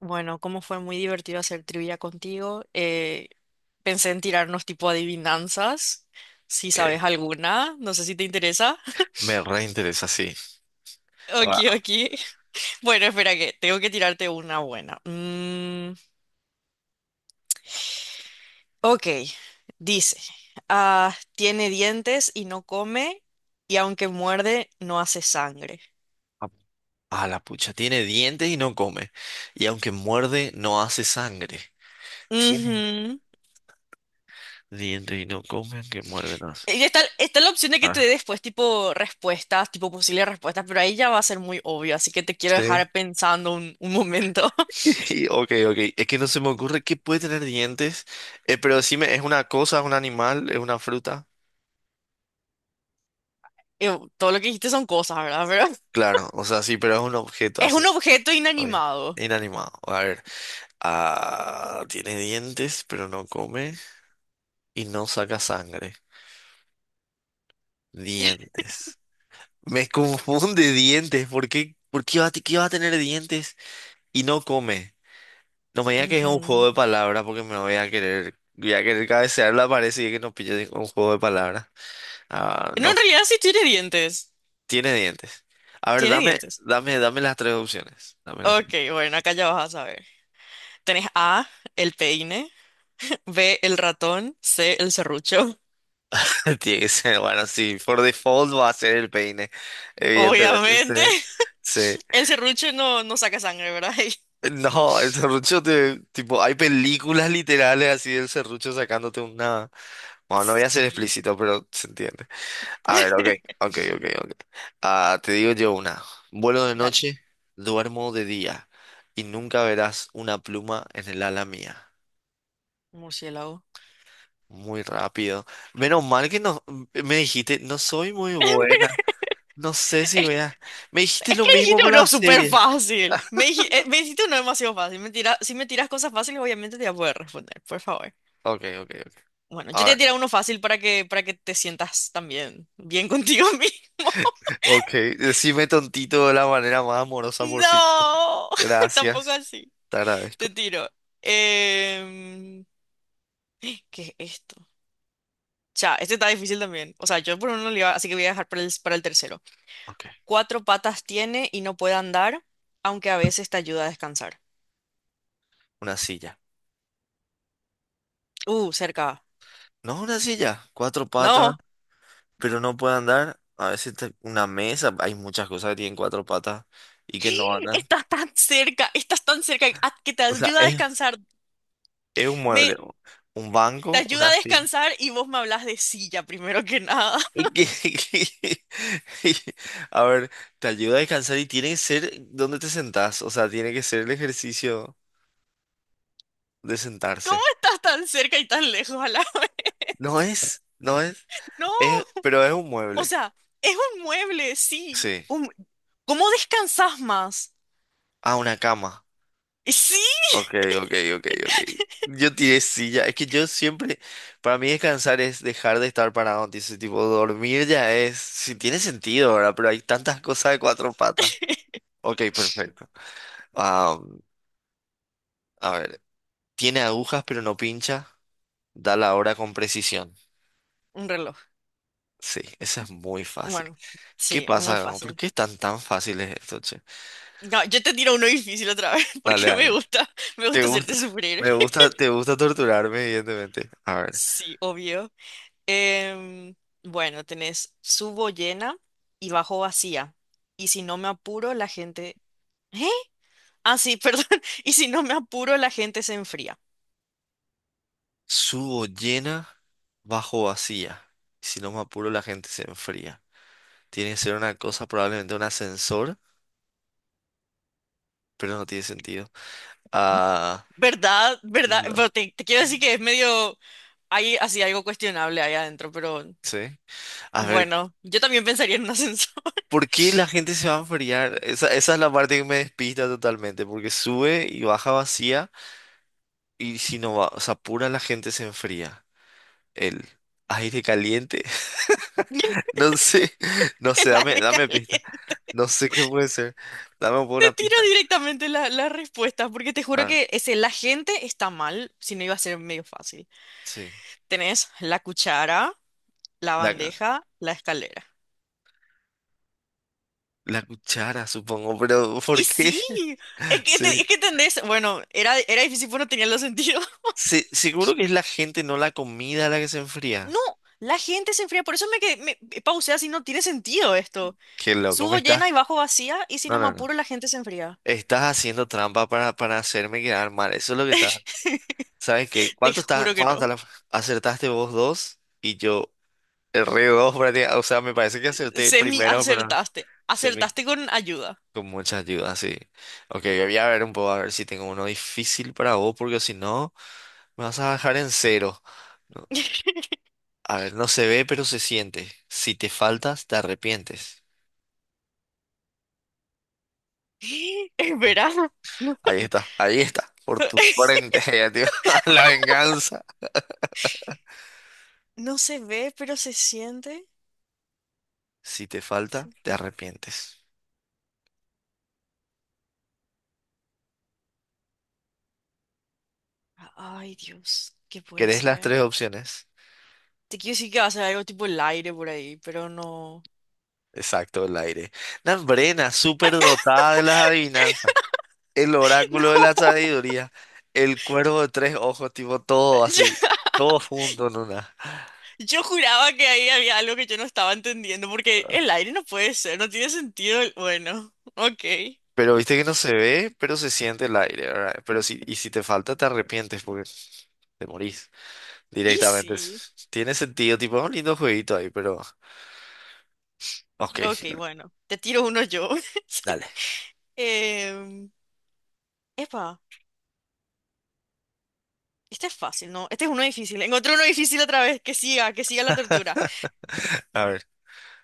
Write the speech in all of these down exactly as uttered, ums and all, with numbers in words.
Bueno, como fue muy divertido hacer trivia contigo, eh, pensé en tirarnos tipo adivinanzas, si Que sabes alguna, no sé si te interesa. me reinteresa, sí. Ok, A, ok. Bueno, espera que tengo que tirarte una buena. Mm, ok, dice, ah, tiene dientes y no come, y aunque muerde, no hace sangre. a- la pucha, tiene dientes y no come. Y aunque muerde, no hace sangre. Tiene Ujú. dientes y no come, aunque muerde, no hace. Y s- está, está la opción de que te dé Ah, después tipo respuestas, tipo posibles respuestas, pero ahí ya va a ser muy obvio, así que te quiero sí. dejar pensando un, un momento. Y, Ok, ok. Es que no se me ocurre qué puede tener dientes. Eh, pero decime, ¿es una cosa, es un animal, es una fruta? Eh, todo lo que dijiste son cosas, ¿verdad? Pero Claro, o sea, sí, pero es un objeto es así. un objeto Ok. inanimado. Inanimado. A ver. Ah, tiene dientes, pero no come y no saca sangre. Dientes. Me confunde dientes. ¿Por qué? ¿Por qué vas a, qué vas a tener dientes y no come? No me digas que es un Ujú. juego de palabras porque me voy a querer, voy a querer cabecear la pared si es que no pille un juego de palabras. Ah, No, no, en realidad sí tiene dientes. tiene dientes. A ver, Tiene dame, dientes. dame, dame las tres opciones. Dame las tres. Ok, bueno, acá ya vas a saber. Tenés A, el peine, B, el ratón, C, el serrucho. Tiene que ser, bueno, sí, por default va a ser el peine, evidentemente, sí, Obviamente, sí. el serrucho no, no saca sangre, ¿verdad? No, el serrucho te, tipo, hay películas literales así del serrucho sacándote una. Bueno, no voy a ser Sí. explícito, pero se entiende. A ver, ok, ok, ok, ok. Ah, te digo yo una. Vuelo de Dale, noche, duermo de día y nunca verás una pluma en el ala mía. murciélago. Muy rápido. Menos mal que no me dijiste, no soy muy buena. No sé si Es, veas. Me dijiste es lo que mismo dijiste por la uno súper serie. fácil. Me, dij- eh, me dijiste uno demasiado fácil. Me tira- si me tiras cosas fáciles, obviamente te voy a poder responder, por favor. Ok, ok, ok. Bueno, yo te A voy a ver. tirar uno fácil para que, para que te sientas también bien contigo mismo. Ok, decime tontito de la manera más amorosa por sí. No, tampoco Gracias, así. te agradezco. Te tiro. Em, ¿Qué es esto? Ya, este está difícil también. O sea, yo por uno le iba, así que voy a dejar para el, para el tercero. Ok, Cuatro patas tiene y no puede andar, aunque a veces te ayuda a descansar. una silla. Uh, cerca. No, una silla, cuatro patas, No. pero no puede andar. A veces te- una mesa, hay muchas cosas que tienen cuatro patas y que no andan. Estás tan cerca, estás tan cerca ah, que te O sea, ayuda a es, descansar. es un Me, mueble, o- un te banco, ayuda una a silla. descansar y vos me hablas de silla primero que nada. Y que- y- A ver, te ayuda a descansar y tiene que ser donde te sentás. O sea, tiene que ser el ejercicio de ¿Cómo sentarse. estás tan cerca y tan lejos a la vez? No es, no es. No, Es, pero es un o mueble. sea, es un mueble, sí. Sí. Un- ¿Cómo descansas más? Ah, una cama. Y sí, Ok, ok, ok, ok. Yo tiré silla. Es que yo siempre, para mí descansar es dejar de estar parado. Dice, tipo, dormir ya es, si tiene sentido, ¿verdad? Pero hay tantas cosas de cuatro patas. Ok, perfecto. Ah, a ver, tiene agujas pero no pincha. Da la hora con precisión. un reloj. Sí, esa es muy fácil. Bueno, ¿Qué sí, muy pasa? ¿Por fácil. qué están tan fáciles esto, che? No, yo te tiro uno difícil otra vez Dale, porque me dale. gusta, me Te gusta gusta, hacerte sufrir. me gusta, te gusta torturarme, evidentemente. A ver, Sí, obvio. Em, bueno, tenés subo llena y bajo vacía. Y si no me apuro, la gente... ¿Eh? Ah, sí, perdón. Y si no me apuro, la gente se enfría. subo llena, bajo vacía. Si no me apuro, la gente se enfría. Tiene que ser una cosa, probablemente un ascensor, pero no tiene sentido. Ah, ¿Verdad? ¿Verdad? Pero no. te, te quiero decir que es medio, hay así algo cuestionable ahí adentro, pero Sí. A ver, bueno, yo también pensaría en un ascensor. ¿por qué la gente se va a enfriar? Esa, esa es la parte que me despista totalmente, porque sube y baja vacía, y si no va, se apura, la gente se enfría. El aire caliente. El No sé, no sé, dame, aire dame pista. caliente. No sé qué puede ser. Dame por Te una tiro pista. directamente la, la respuesta, porque te juro Ah, que ese, la gente está mal, si no iba a ser medio fácil. sí. Tenés la cuchara, la La, bandeja, la escalera. la cuchara, supongo, pero ¿por Y qué? sí, es que, Sí. te- es que entendés, bueno, era, era difícil porque no tenía los sentidos. Sí, seguro que es la gente, no la comida la que se enfría. No, la gente se enfría, por eso me, que- me me pausé así, no tiene sentido esto. Qué loco, Subo ¿me estás? llena y bajo vacía y si No, no me no, no. apuro la gente se enfría. Estás haciendo trampa para, para hacerme quedar mal. Eso es lo que está. ¿Sabes qué? Te ¿Cuánto está? juro que ¿Cuánto está no. la- Acertaste vos dos y yo erré dos prácticamente. O sea, me parece que acerté el Semi primero, pero acertaste. se me... Acertaste con ayuda. Con mucha ayuda, sí. Ok, voy a ver un poco a ver si tengo uno difícil para vos, porque si no. Me vas a dejar en cero. No, a ver, no se ve, pero se siente. Si te faltas, te arrepientes. Es verano. No, Ahí está, ahí está. Por tu frente, ya, tío. La venganza. no se ve, pero se siente. Si te Se falta, te falta- arrepientes. Ay, Dios, ¿qué puede ¿Querés las ser? tres opciones? Te quiero decir que va a ser algo tipo el aire por ahí, pero no. Exacto, el aire. Nambrena, súper dotada de las adivinanzas. El No, oráculo de la sabiduría. El cuervo de tres ojos, tipo todo así. ya. Todo junto en una. Yo juraba que ahí había algo que yo no estaba entendiendo, porque el aire no puede ser, no tiene sentido. El- Bueno, ok. Pero viste que no se ve, pero se siente el aire, ¿verdad? Pero si, y si te falta, te arrepientes porque te morís Y directamente. sí. Es- Tiene sentido, tipo, un lindo jueguito ahí, pero. Ok, Ok, bueno, te tiro uno yo. dale. Em, epa, este es fácil, ¿no? Este es uno difícil. Encontré uno difícil otra vez. Que siga, que siga la tortura. A ver.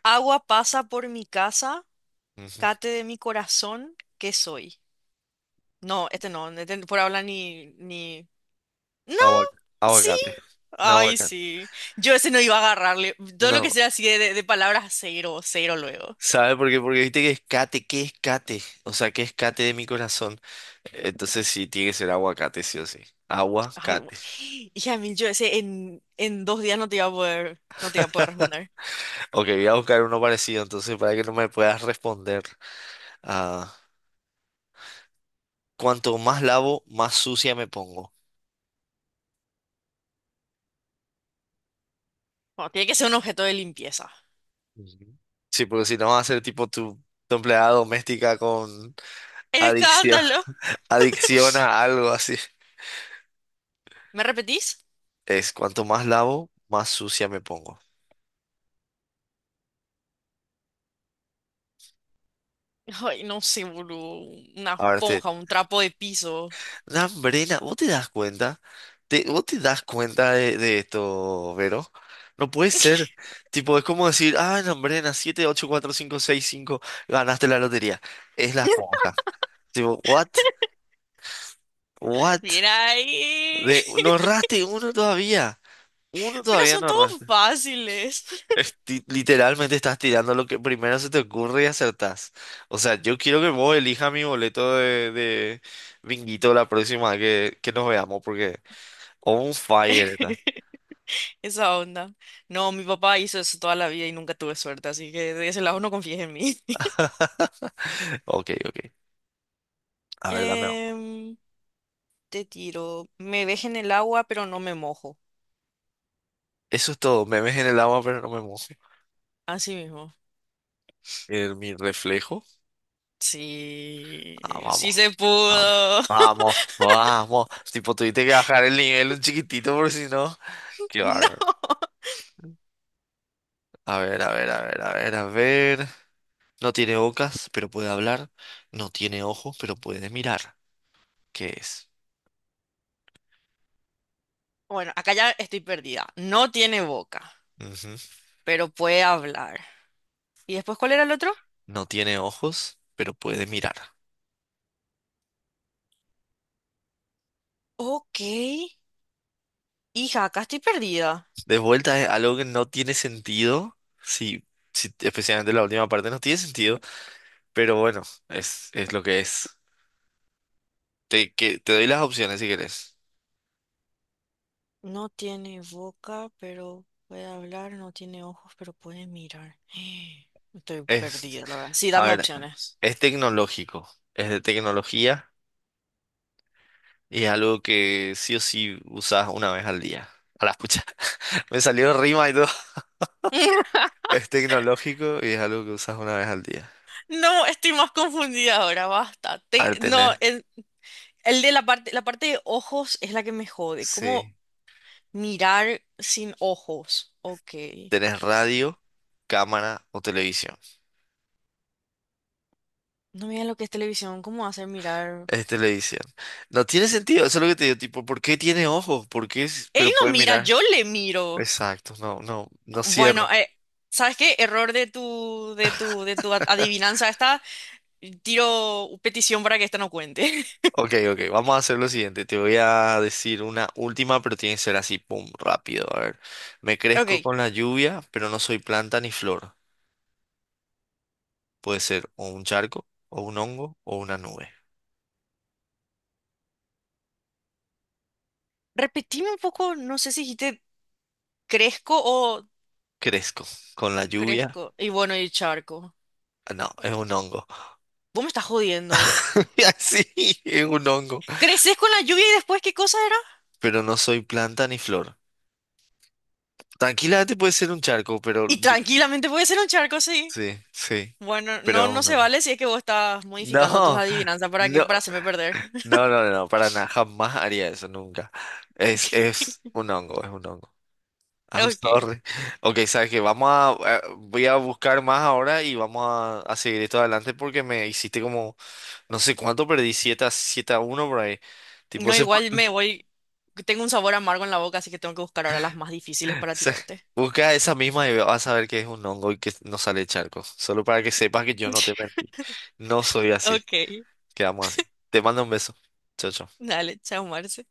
Agua pasa por mi casa, Ujú. cate de mi corazón, ¿qué soy? No, este no, este por habla ni, ni... No, Aguacate. sí. Aguacate. No, Ay, aguacate. sí. Yo ese no iba a agarrarle. Todo lo que No. sea así de, de- de palabras, cero, cero luego. ¿Sabe por qué? Porque viste que es cate, ¿qué es cate? O sea, ¿qué es cate de mi corazón? Entonces sí, tiene que ser aguacate, sí o sí. Ay, bu- Aguacate. hija mil, yo ese en, en dos días no te iba a poder, no te iba a poder responder. Ok, voy a buscar uno parecido, entonces, para que no me puedas responder. Cuanto más lavo, más sucia me pongo. No, tiene que ser un objeto de limpieza. Ujú. Sí, porque si no vas a ser tipo tu, tu empleada doméstica con adicción, ¡Escándalo! adicción a algo así. ¿Me repetís? Es cuanto más lavo, más sucia me pongo. Ay, no sé, boludo. Una A ver, te... esponja, un trapo de piso. Lambrena, ¿vos te das cuenta? ¿Te, vos te das cuenta de, de esto, Vero? No puede ser. Tipo, es como decir, ah, Lambrena, siete, ocho, cuatro, cinco, seis, cinco, ganaste la lotería. Es la esponja. Tipo, what? What? Mira ahí. De, no erraste uno todavía. Uno Pero todavía son no todos erraste. fáciles. Esti- literalmente estás tirando lo que primero se te ocurre y acertás. O sea, yo quiero que vos elijas mi boleto de, de binguito la próxima vez que, que nos veamos, porque on fire está. Esa onda. No, mi papá hizo eso toda la vida y nunca tuve suerte, así que de ese lado no confíes en mí. Ok, ok. A ver, dame. Em, te tiro. Me deje en el agua, pero no me mojo. Eso es todo. Me ves en el agua, pero no me mojo. Así mismo. En mi reflejo. Sí, Ah, sí vamos. se Ah, pudo. vamos, vamos. Tipo, tuviste que bajar el nivel un chiquitito, porque si no. Qué No. bárbaro. A ver, a ver, a ver, a ver, a ver. No tiene bocas, pero puede hablar. No tiene ojos, pero puede mirar. ¿Qué es? Bueno, acá ya estoy perdida. No tiene boca, Ujú. pero puede hablar. ¿Y después cuál era el otro? No tiene ojos, pero puede mirar. Ok. Hija, acá estoy perdida. De vuelta es algo que no tiene sentido. Sí, sí, especialmente la última parte no tiene sentido. Pero bueno, es, es lo que es. Te, que, te doy las opciones si querés. No tiene boca, pero puede hablar. No tiene ojos, pero puede mirar. Estoy Es, perdida, la verdad. Sí, a dame ver, opciones. es, tecnológico. Es de tecnología y es algo que sí o sí usas una vez al día. A la pucha. Me salió rima y todo. Es tecnológico y es algo que usas una vez al día. No, estoy más confundida ahora, basta. A Te- ver, no, tenés. el, el de la parte, la parte de ojos es la que me jode. ¿Cómo Sí. mirar sin ojos? Ok. Tenés radio, cámara o televisión. No miren lo que es televisión, ¿cómo hacer mirar? Es televisión. No tiene sentido, eso es lo que te digo. Tipo, ¿por qué tiene ojos? ¿Por qué? es- Él Pero no puede mira, mirar. yo le miro. Exacto, no, no, no Bueno, cierra. eh, ¿sabes qué? Error de tu, de tu, de tu a- adivinanza esta. Tiro petición para que esta no cuente. Ok, ok, vamos a hacer lo siguiente. Te voy a decir una última, pero tiene que ser así, pum, rápido. A ver, me crezco Ok. con la lluvia, pero no soy planta ni flor. Puede ser o un charco, o un hongo, o una nube. Repetime un poco, no sé si dijiste crezco o Crezco. Con la lluvia, crezco. Y bueno, y charco. ah, no, es un hongo. Vos me estás jodiendo. Así, es un hongo. Creces con la lluvia y después, ¿qué cosa era? Pero no soy planta ni flor. Tranquilamente puede ser un charco, pero Y tranquilamente puede ser un charco, sí. sí, sí, Bueno, no, pero no un se hongo. vale si es que vos estás No, modificando tus adivinanzas para que, no, para hacerme perder. no, no, no, no, para nada, jamás haría eso, nunca. Es, es, un hongo, es un hongo. I'm Ok. sorry. Ok, sabes que vamos a, eh, voy a buscar más ahora y vamos a, a seguir esto adelante porque me hiciste como, no sé cuánto, perdí siete a, siete a uno por ahí. Tipo, No, se. igual me voy. Tengo un sabor amargo en la boca, así que tengo que buscar ahora las más difíciles para Sí. tirarte. Busca esa misma y vas a ver que es un hongo y que no sale charco. Solo para que sepas que yo no te mentí. No soy así. Ok. Quedamos así. Te mando un beso. Chao, chao. Dale, chao, Marce.